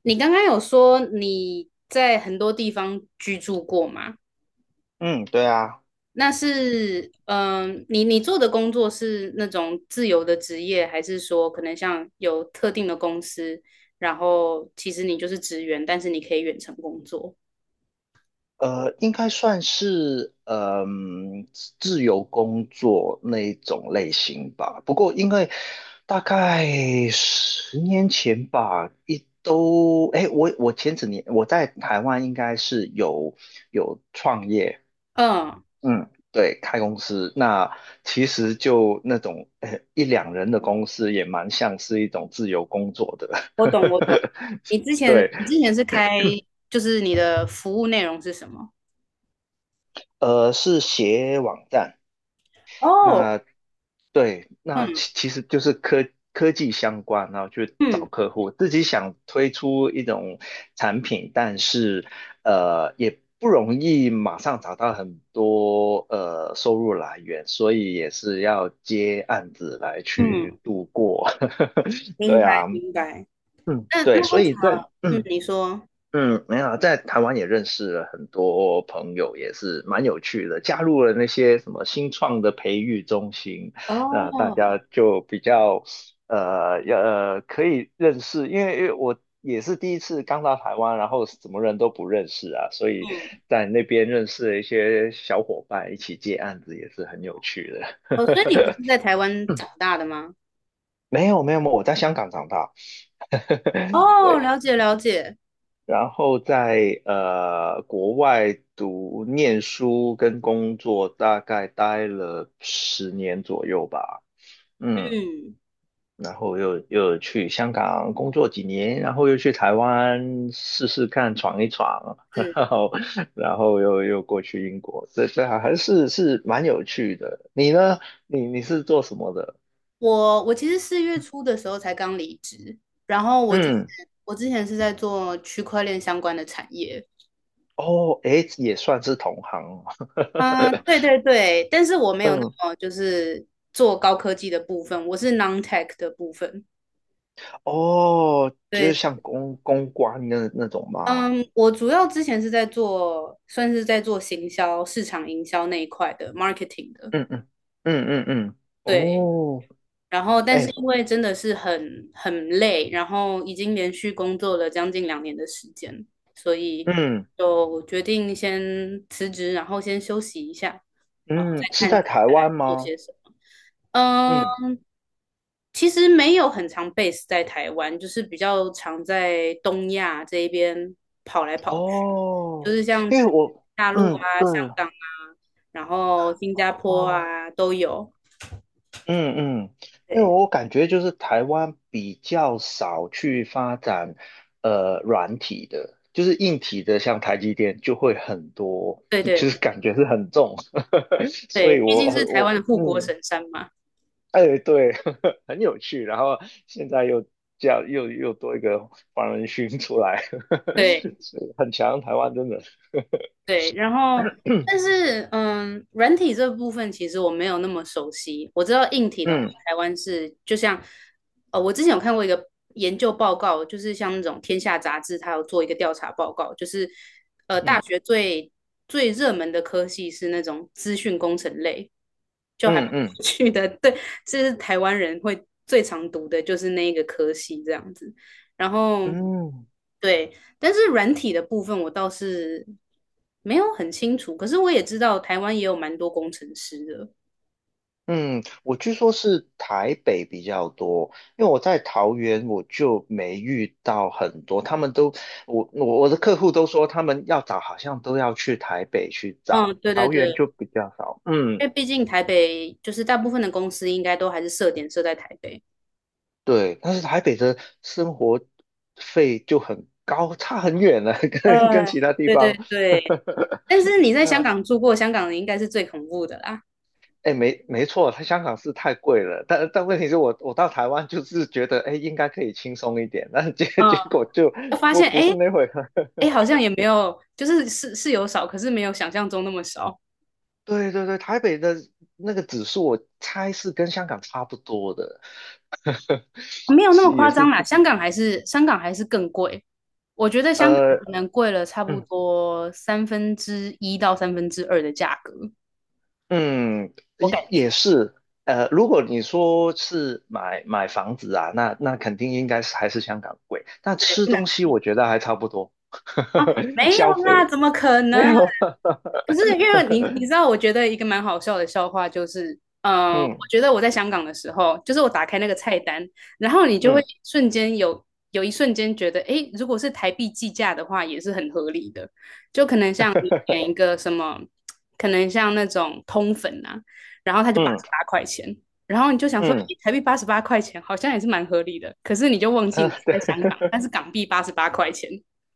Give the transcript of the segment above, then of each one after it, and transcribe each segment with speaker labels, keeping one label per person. Speaker 1: 你刚刚有说你在很多地方居住过吗？
Speaker 2: 嗯，对啊。
Speaker 1: 那是，你做的工作是那种自由的职业，还是说可能像有特定的公司，然后其实你就是职员，但是你可以远程工作？
Speaker 2: 应该算是自由工作那一种类型吧。不过因为大概10年前吧，一都哎，我前几年我在台湾应该是有创业。
Speaker 1: 嗯，
Speaker 2: 嗯，对，开公司。那其实就那种一两人的公司，也蛮像是一种自由工作的。
Speaker 1: 我懂,我懂。你之前
Speaker 2: 对。
Speaker 1: 你之前是开，就是你的服务内容是什么？
Speaker 2: 是写网站。
Speaker 1: 哦，
Speaker 2: 那。对，那其
Speaker 1: 嗯
Speaker 2: 其实就是科技相关，然后去找
Speaker 1: 嗯
Speaker 2: 客户，自己想推出一种产品。但是也不容易马上找到很多收入来源，所以也是要接案子来去
Speaker 1: 嗯，
Speaker 2: 度过。
Speaker 1: 明
Speaker 2: 对啊。
Speaker 1: 白明白。
Speaker 2: 嗯，
Speaker 1: 那
Speaker 2: 对，
Speaker 1: 那
Speaker 2: 所
Speaker 1: 为什
Speaker 2: 以在
Speaker 1: 么？嗯，你说。
Speaker 2: 嗯，没有啊，在台湾也认识了很多朋友，也是蛮有趣的。加入了那些什么新创的培育中心，那大
Speaker 1: 哦，
Speaker 2: 家就比较要可以认识。因为我也是第一次刚到台湾，然后什么人都不认识啊，所以
Speaker 1: 嗯。
Speaker 2: 在那边认识了一些小伙伴，一起接案子也是很有趣的。
Speaker 1: 哦，所以你不是在台 湾
Speaker 2: 嗯，
Speaker 1: 长大的吗？
Speaker 2: 没有没有没有，我在香港长大。
Speaker 1: 哦，
Speaker 2: 对。
Speaker 1: 了解,了解，
Speaker 2: 然后在国外念书跟工作，大概待了10年左右吧。嗯，
Speaker 1: 嗯，
Speaker 2: 然后又去香港工作几年，然后又去台湾试试看闯一闯，
Speaker 1: 是
Speaker 2: 然后然后又过去英国。这还是蛮有趣的。你呢？你是做什么的？
Speaker 1: 我其实四月初的时候才刚离职，然后我之前
Speaker 2: 嗯，
Speaker 1: 我之前是在做区块链相关的产业，
Speaker 2: 哦，诶，也算是同行
Speaker 1: 嗯、对对对，但是我没有那
Speaker 2: 嗯。
Speaker 1: 么就是做高科技的部分，我是 non-tech 的部分，
Speaker 2: 哦，就是
Speaker 1: 对，
Speaker 2: 像公关那种吗？
Speaker 1: 嗯，我主要之前是在做算是在做行销、市场营销那一块的 marketing 的，
Speaker 2: 嗯嗯嗯嗯嗯，
Speaker 1: 对，
Speaker 2: 哦，
Speaker 1: 然后，但是
Speaker 2: 哎，
Speaker 1: 因为真的是很累，然后已经连续工作了将近两年的时间，所以
Speaker 2: 嗯
Speaker 1: 就决定先辞职，然后先休息一下，然后
Speaker 2: 嗯，
Speaker 1: 再
Speaker 2: 是
Speaker 1: 看
Speaker 2: 在
Speaker 1: 接
Speaker 2: 台
Speaker 1: 下
Speaker 2: 湾
Speaker 1: 来做
Speaker 2: 吗？
Speaker 1: 些什么。
Speaker 2: 嗯，
Speaker 1: 嗯、其实没有很常 base 在台湾，就是比较常在东亚这一边跑来跑去，就
Speaker 2: 哦，
Speaker 1: 是像
Speaker 2: 因为
Speaker 1: 去
Speaker 2: 我，
Speaker 1: 大陆
Speaker 2: 嗯，
Speaker 1: 啊、
Speaker 2: 对，
Speaker 1: 香港啊，然后新加坡
Speaker 2: 哦，
Speaker 1: 啊都有。
Speaker 2: 嗯嗯。因为
Speaker 1: 对
Speaker 2: 我感觉就是台湾比较少去发展软体的，就是硬体的，像台积电就会很多，
Speaker 1: 对
Speaker 2: 就是
Speaker 1: 对，
Speaker 2: 感觉是很重。所
Speaker 1: 对，
Speaker 2: 以
Speaker 1: 毕
Speaker 2: 我
Speaker 1: 竟是台
Speaker 2: 我
Speaker 1: 湾的护国
Speaker 2: 嗯。
Speaker 1: 神山嘛。
Speaker 2: 哎，对，很有趣。然后现在又这样，又多一个黄仁勋出来。
Speaker 1: 对
Speaker 2: 是很强。台湾真的，
Speaker 1: 对，然后
Speaker 2: 嗯
Speaker 1: 但是嗯，软体这部分其实我没有那么熟悉。我知道硬体的话，
Speaker 2: 嗯
Speaker 1: 台湾是就像我之前有看过一个研究报告，就是像那种《天下》杂志，它有做一个调查报告，就是大学最热门的科系是那种资讯工程类，就还蛮
Speaker 2: 嗯嗯
Speaker 1: 有趣的。对，这是台湾人会最常读的，就是那一个科系这样子。然后
Speaker 2: 嗯
Speaker 1: 对，但是软体的部分我倒是没有很清楚，可是我也知道台湾也有蛮多工程师的。
Speaker 2: 嗯，我据说是台北比较多。因为我在桃园我就没遇到很多。他们都我的客户都说他们要找好像都要去台北去找，
Speaker 1: 嗯，对对
Speaker 2: 桃园
Speaker 1: 对，
Speaker 2: 就比较少。嗯。
Speaker 1: 因为毕竟台北就是大部分的公司应该都还是设点设在台北。
Speaker 2: 对，但是台北的生活费就很高，差很远了，跟其他地
Speaker 1: 对对
Speaker 2: 方。
Speaker 1: 对对，但是你在
Speaker 2: 对
Speaker 1: 香
Speaker 2: 啊，
Speaker 1: 港住过，香港人应该是最恐怖的啦。
Speaker 2: 哎，没错，它香港是太贵了，但问题是我到台湾就是觉得，哎，应该可以轻松一点。但
Speaker 1: 嗯，
Speaker 2: 结果就
Speaker 1: 就发
Speaker 2: 不
Speaker 1: 现
Speaker 2: 不
Speaker 1: 哎
Speaker 2: 是那回事。
Speaker 1: 哎，诶好像也没有，就是是有少，可是没有想象中那么少。
Speaker 2: 对对对，台北的那个指数，我猜是跟香港差不多的。
Speaker 1: 没有那
Speaker 2: 是
Speaker 1: 么
Speaker 2: 也
Speaker 1: 夸
Speaker 2: 是
Speaker 1: 张啦，
Speaker 2: 不
Speaker 1: 香港还是更贵。我觉得香港
Speaker 2: 呃。
Speaker 1: 可能贵了差不
Speaker 2: 嗯
Speaker 1: 多三分之一到三分之二的价格，
Speaker 2: 嗯，
Speaker 1: 我
Speaker 2: 也
Speaker 1: 感
Speaker 2: 也
Speaker 1: 觉
Speaker 2: 是，如果你说是买房子啊，那肯定应该是还是香港贵。那吃
Speaker 1: 不能
Speaker 2: 东西我觉得还差不多，
Speaker 1: 啊，没有
Speaker 2: 消
Speaker 1: 啦，
Speaker 2: 费
Speaker 1: 怎么可
Speaker 2: 没
Speaker 1: 能？
Speaker 2: 有。
Speaker 1: 可是因为你知 道，我觉得一个蛮好笑的笑话就是，我
Speaker 2: 嗯
Speaker 1: 觉得我在香港的时候，就是我打开那个菜单，然后你就会
Speaker 2: 嗯
Speaker 1: 瞬间有一瞬间觉得，诶，如果是台币计价的话，也是很合理的。就可能像你点一个什么，可能像那种通粉啊，然后它就八十
Speaker 2: 嗯
Speaker 1: 八块钱，然后你就想说，诶，
Speaker 2: 嗯，
Speaker 1: 台币八十八块钱好像也是蛮合理的，可是你就忘 记
Speaker 2: 呃
Speaker 1: 你是
Speaker 2: 对，
Speaker 1: 在香港，但是港币八十八块钱。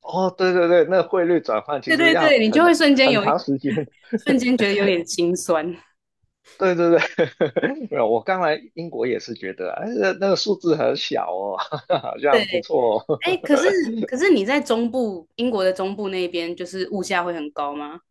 Speaker 2: 哦，对对对，那汇率转换其
Speaker 1: 对
Speaker 2: 实
Speaker 1: 对对，
Speaker 2: 要
Speaker 1: 你就
Speaker 2: 很
Speaker 1: 会瞬间
Speaker 2: 很
Speaker 1: 有一
Speaker 2: 长时间。
Speaker 1: 瞬间觉得有点心酸。
Speaker 2: 对对对，没有，我刚来英国也是觉得，哎，那那个数字很小哦，好像不
Speaker 1: 对，
Speaker 2: 错哦。
Speaker 1: 哎，可是你在中部，英国的中部那边，就是物价会很高吗？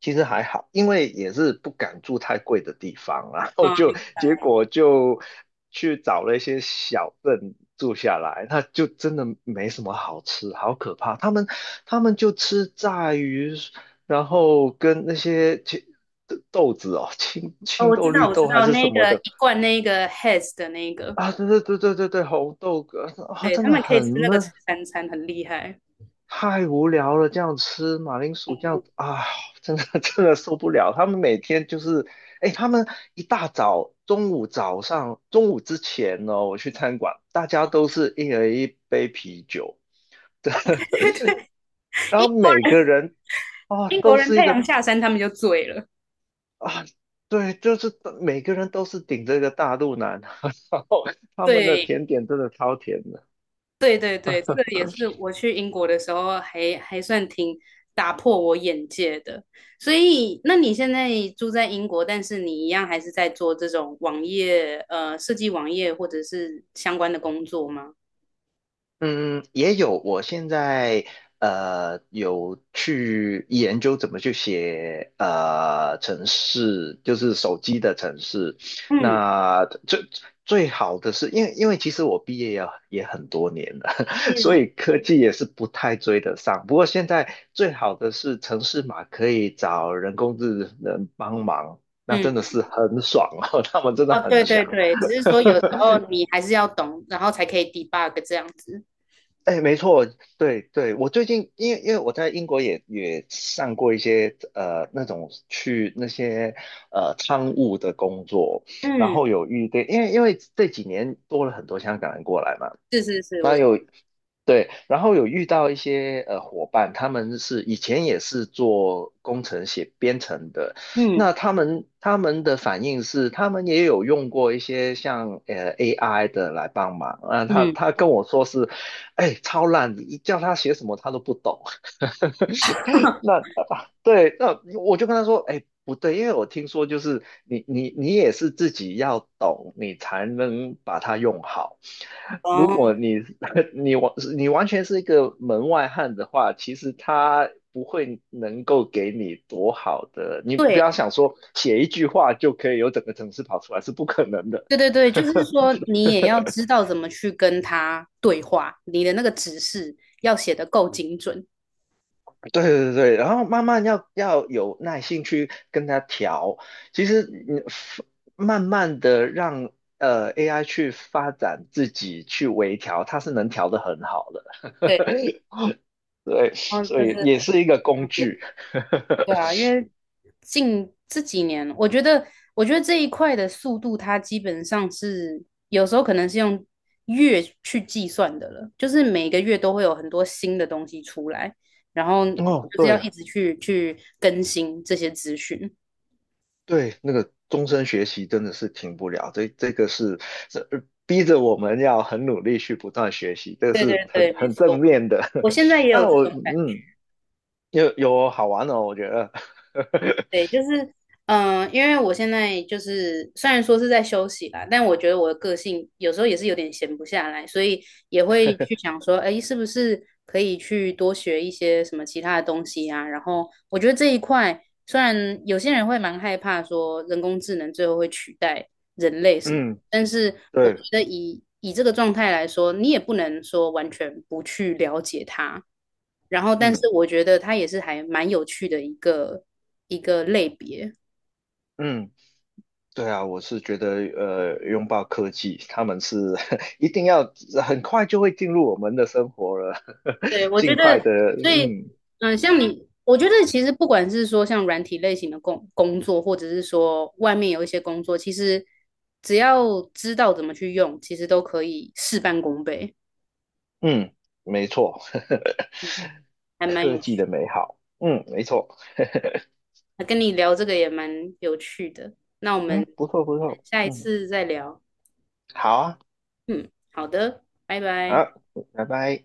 Speaker 2: 其实还好，因为也是不敢住太贵的地方啊，然后就
Speaker 1: 嗯，
Speaker 2: 结果就去找了一些小镇住下来。那就真的没什么好吃，好可怕。他们就吃炸鱼，然后跟那些青豆子哦，青
Speaker 1: 哦，
Speaker 2: 青
Speaker 1: 我知
Speaker 2: 豆、
Speaker 1: 道，
Speaker 2: 绿
Speaker 1: 我知
Speaker 2: 豆还
Speaker 1: 道，
Speaker 2: 是什
Speaker 1: 那
Speaker 2: 么
Speaker 1: 个
Speaker 2: 的
Speaker 1: 一罐那个 Hess 的那个，
Speaker 2: 啊，对对对对对对。红豆啊，
Speaker 1: 对，
Speaker 2: 真
Speaker 1: 他
Speaker 2: 的
Speaker 1: 们可以
Speaker 2: 很
Speaker 1: 吃那个吃
Speaker 2: 闷，
Speaker 1: 三餐，很厉害。
Speaker 2: 太无聊了，这样吃马铃薯这样啊。真的受不了。他们每天就是，哎，他们一大早、中午、早上、中午之前呢，我去餐馆，大家都是一人一杯啤酒，然
Speaker 1: 英
Speaker 2: 后
Speaker 1: 国
Speaker 2: 每个
Speaker 1: 人
Speaker 2: 人啊
Speaker 1: 英国
Speaker 2: 都
Speaker 1: 人
Speaker 2: 是一
Speaker 1: 太阳
Speaker 2: 个
Speaker 1: 下山，他们就醉了。
Speaker 2: 啊。对，就是每个人都是顶着一个大肚腩。然后他们的
Speaker 1: 对，
Speaker 2: 甜点真的超甜的。
Speaker 1: 对对对，这个也是我去英国的时候还算挺打破我眼界的。所以，那你现在住在英国，但是你一样还是在做这种网页，设计网页或者是相关的工作吗？
Speaker 2: 嗯，也有。我现在有去研究怎么去写城市，就是手机的城市。
Speaker 1: 嗯
Speaker 2: 那最好的是，因为其实我毕业也很多年了，所
Speaker 1: 嗯
Speaker 2: 以科技也是不太追得上。不过现在最好的是城市码可以找人工智能帮忙，那
Speaker 1: 嗯，
Speaker 2: 真的是很爽哦，他们真的
Speaker 1: 哦，
Speaker 2: 很
Speaker 1: 对对
Speaker 2: 强。
Speaker 1: 对，只是说有时候你还是要懂，然后才可以 debug 这样子。
Speaker 2: 哎，没错，对对，我最近因为我在英国也上过一些那种去那些仓务的工作，然
Speaker 1: 嗯，
Speaker 2: 后对。因为这几年多了很多香港人过来嘛。
Speaker 1: 是是是，我
Speaker 2: 对，然后有遇到一些伙伴，他们是以前也是做工程写编程的。
Speaker 1: 嗯
Speaker 2: 那他们的反应是，他们也有用过一些像AI 的来帮忙。啊、他
Speaker 1: 嗯，
Speaker 2: 他跟我说是，哎，超烂，你叫他写什么他都不懂。那。对，那我就跟他说，哎，不对。因为我听说就是你也是自己要懂，你才能把它用好。如果
Speaker 1: 哦。
Speaker 2: 你 你完全是一个门外汉的话，其实他不会能够给你多好的。你不
Speaker 1: 对。
Speaker 2: 要想说写一句话就可以有整个城市跑出来，是不可能的。
Speaker 1: 对对对，就是 说你也要知道怎么去跟他对话，你的那个指示要写的够精准。
Speaker 2: 对对对，然后慢慢要有耐心去跟他调。其实你慢慢的让AI 去发展自己去微调，它是能调得很好的。
Speaker 1: 对，
Speaker 2: 对，
Speaker 1: 然后
Speaker 2: 所
Speaker 1: 这是
Speaker 2: 以
Speaker 1: 很
Speaker 2: 也是一个工
Speaker 1: 方便。
Speaker 2: 具。
Speaker 1: 对啊，因为近这几年，我觉得，我觉得这一块的速度，它基本上是有时候可能是用月去计算的了，就是每个月都会有很多新的东西出来，然后
Speaker 2: 哦，
Speaker 1: 就是要
Speaker 2: 对
Speaker 1: 一直去更新这些资讯。
Speaker 2: 对，那个终身学习真的是停不了。这个是这逼着我们要很努力去不断学习，这
Speaker 1: 对
Speaker 2: 是
Speaker 1: 对
Speaker 2: 很
Speaker 1: 对，没
Speaker 2: 很正
Speaker 1: 错，
Speaker 2: 面的。
Speaker 1: 我现在 也有
Speaker 2: 但
Speaker 1: 这
Speaker 2: 我
Speaker 1: 种。感。
Speaker 2: 嗯，有好玩的哦，我觉得。
Speaker 1: 对，就是因为我现在就是虽然说是在休息啦，但我觉得我的个性有时候也是有点闲不下来，所以也会去想说，哎，是不是可以去多学一些什么其他的东西啊？然后我觉得这一块，虽然有些人会蛮害怕说人工智能最后会取代人类什么。
Speaker 2: 嗯。
Speaker 1: 但是我觉
Speaker 2: 对，
Speaker 1: 得以这个状态来说，你也不能说完全不去了解它。然后，但
Speaker 2: 嗯
Speaker 1: 是我觉得它也是还蛮有趣的一个类别。
Speaker 2: 嗯，对啊。我是觉得拥抱科技，他们是 一定要很快就会进入我们的生活了。
Speaker 1: 对，我觉
Speaker 2: 尽快的。
Speaker 1: 得，所以，
Speaker 2: 嗯
Speaker 1: 像你，我觉得其实不管是说像软体类型的工作，或者是说外面有一些工作，其实只要知道怎么去用，其实都可以事半功倍，
Speaker 2: 嗯，没错。
Speaker 1: 还蛮
Speaker 2: 科
Speaker 1: 有
Speaker 2: 技的
Speaker 1: 趣。
Speaker 2: 美好，嗯，没错，
Speaker 1: 那跟你聊这个也蛮有趣的，那我们
Speaker 2: 嗯，不错不
Speaker 1: 我们
Speaker 2: 错，
Speaker 1: 下一
Speaker 2: 嗯，
Speaker 1: 次再聊。
Speaker 2: 好啊，
Speaker 1: 嗯，好的，拜拜。
Speaker 2: 好，拜拜。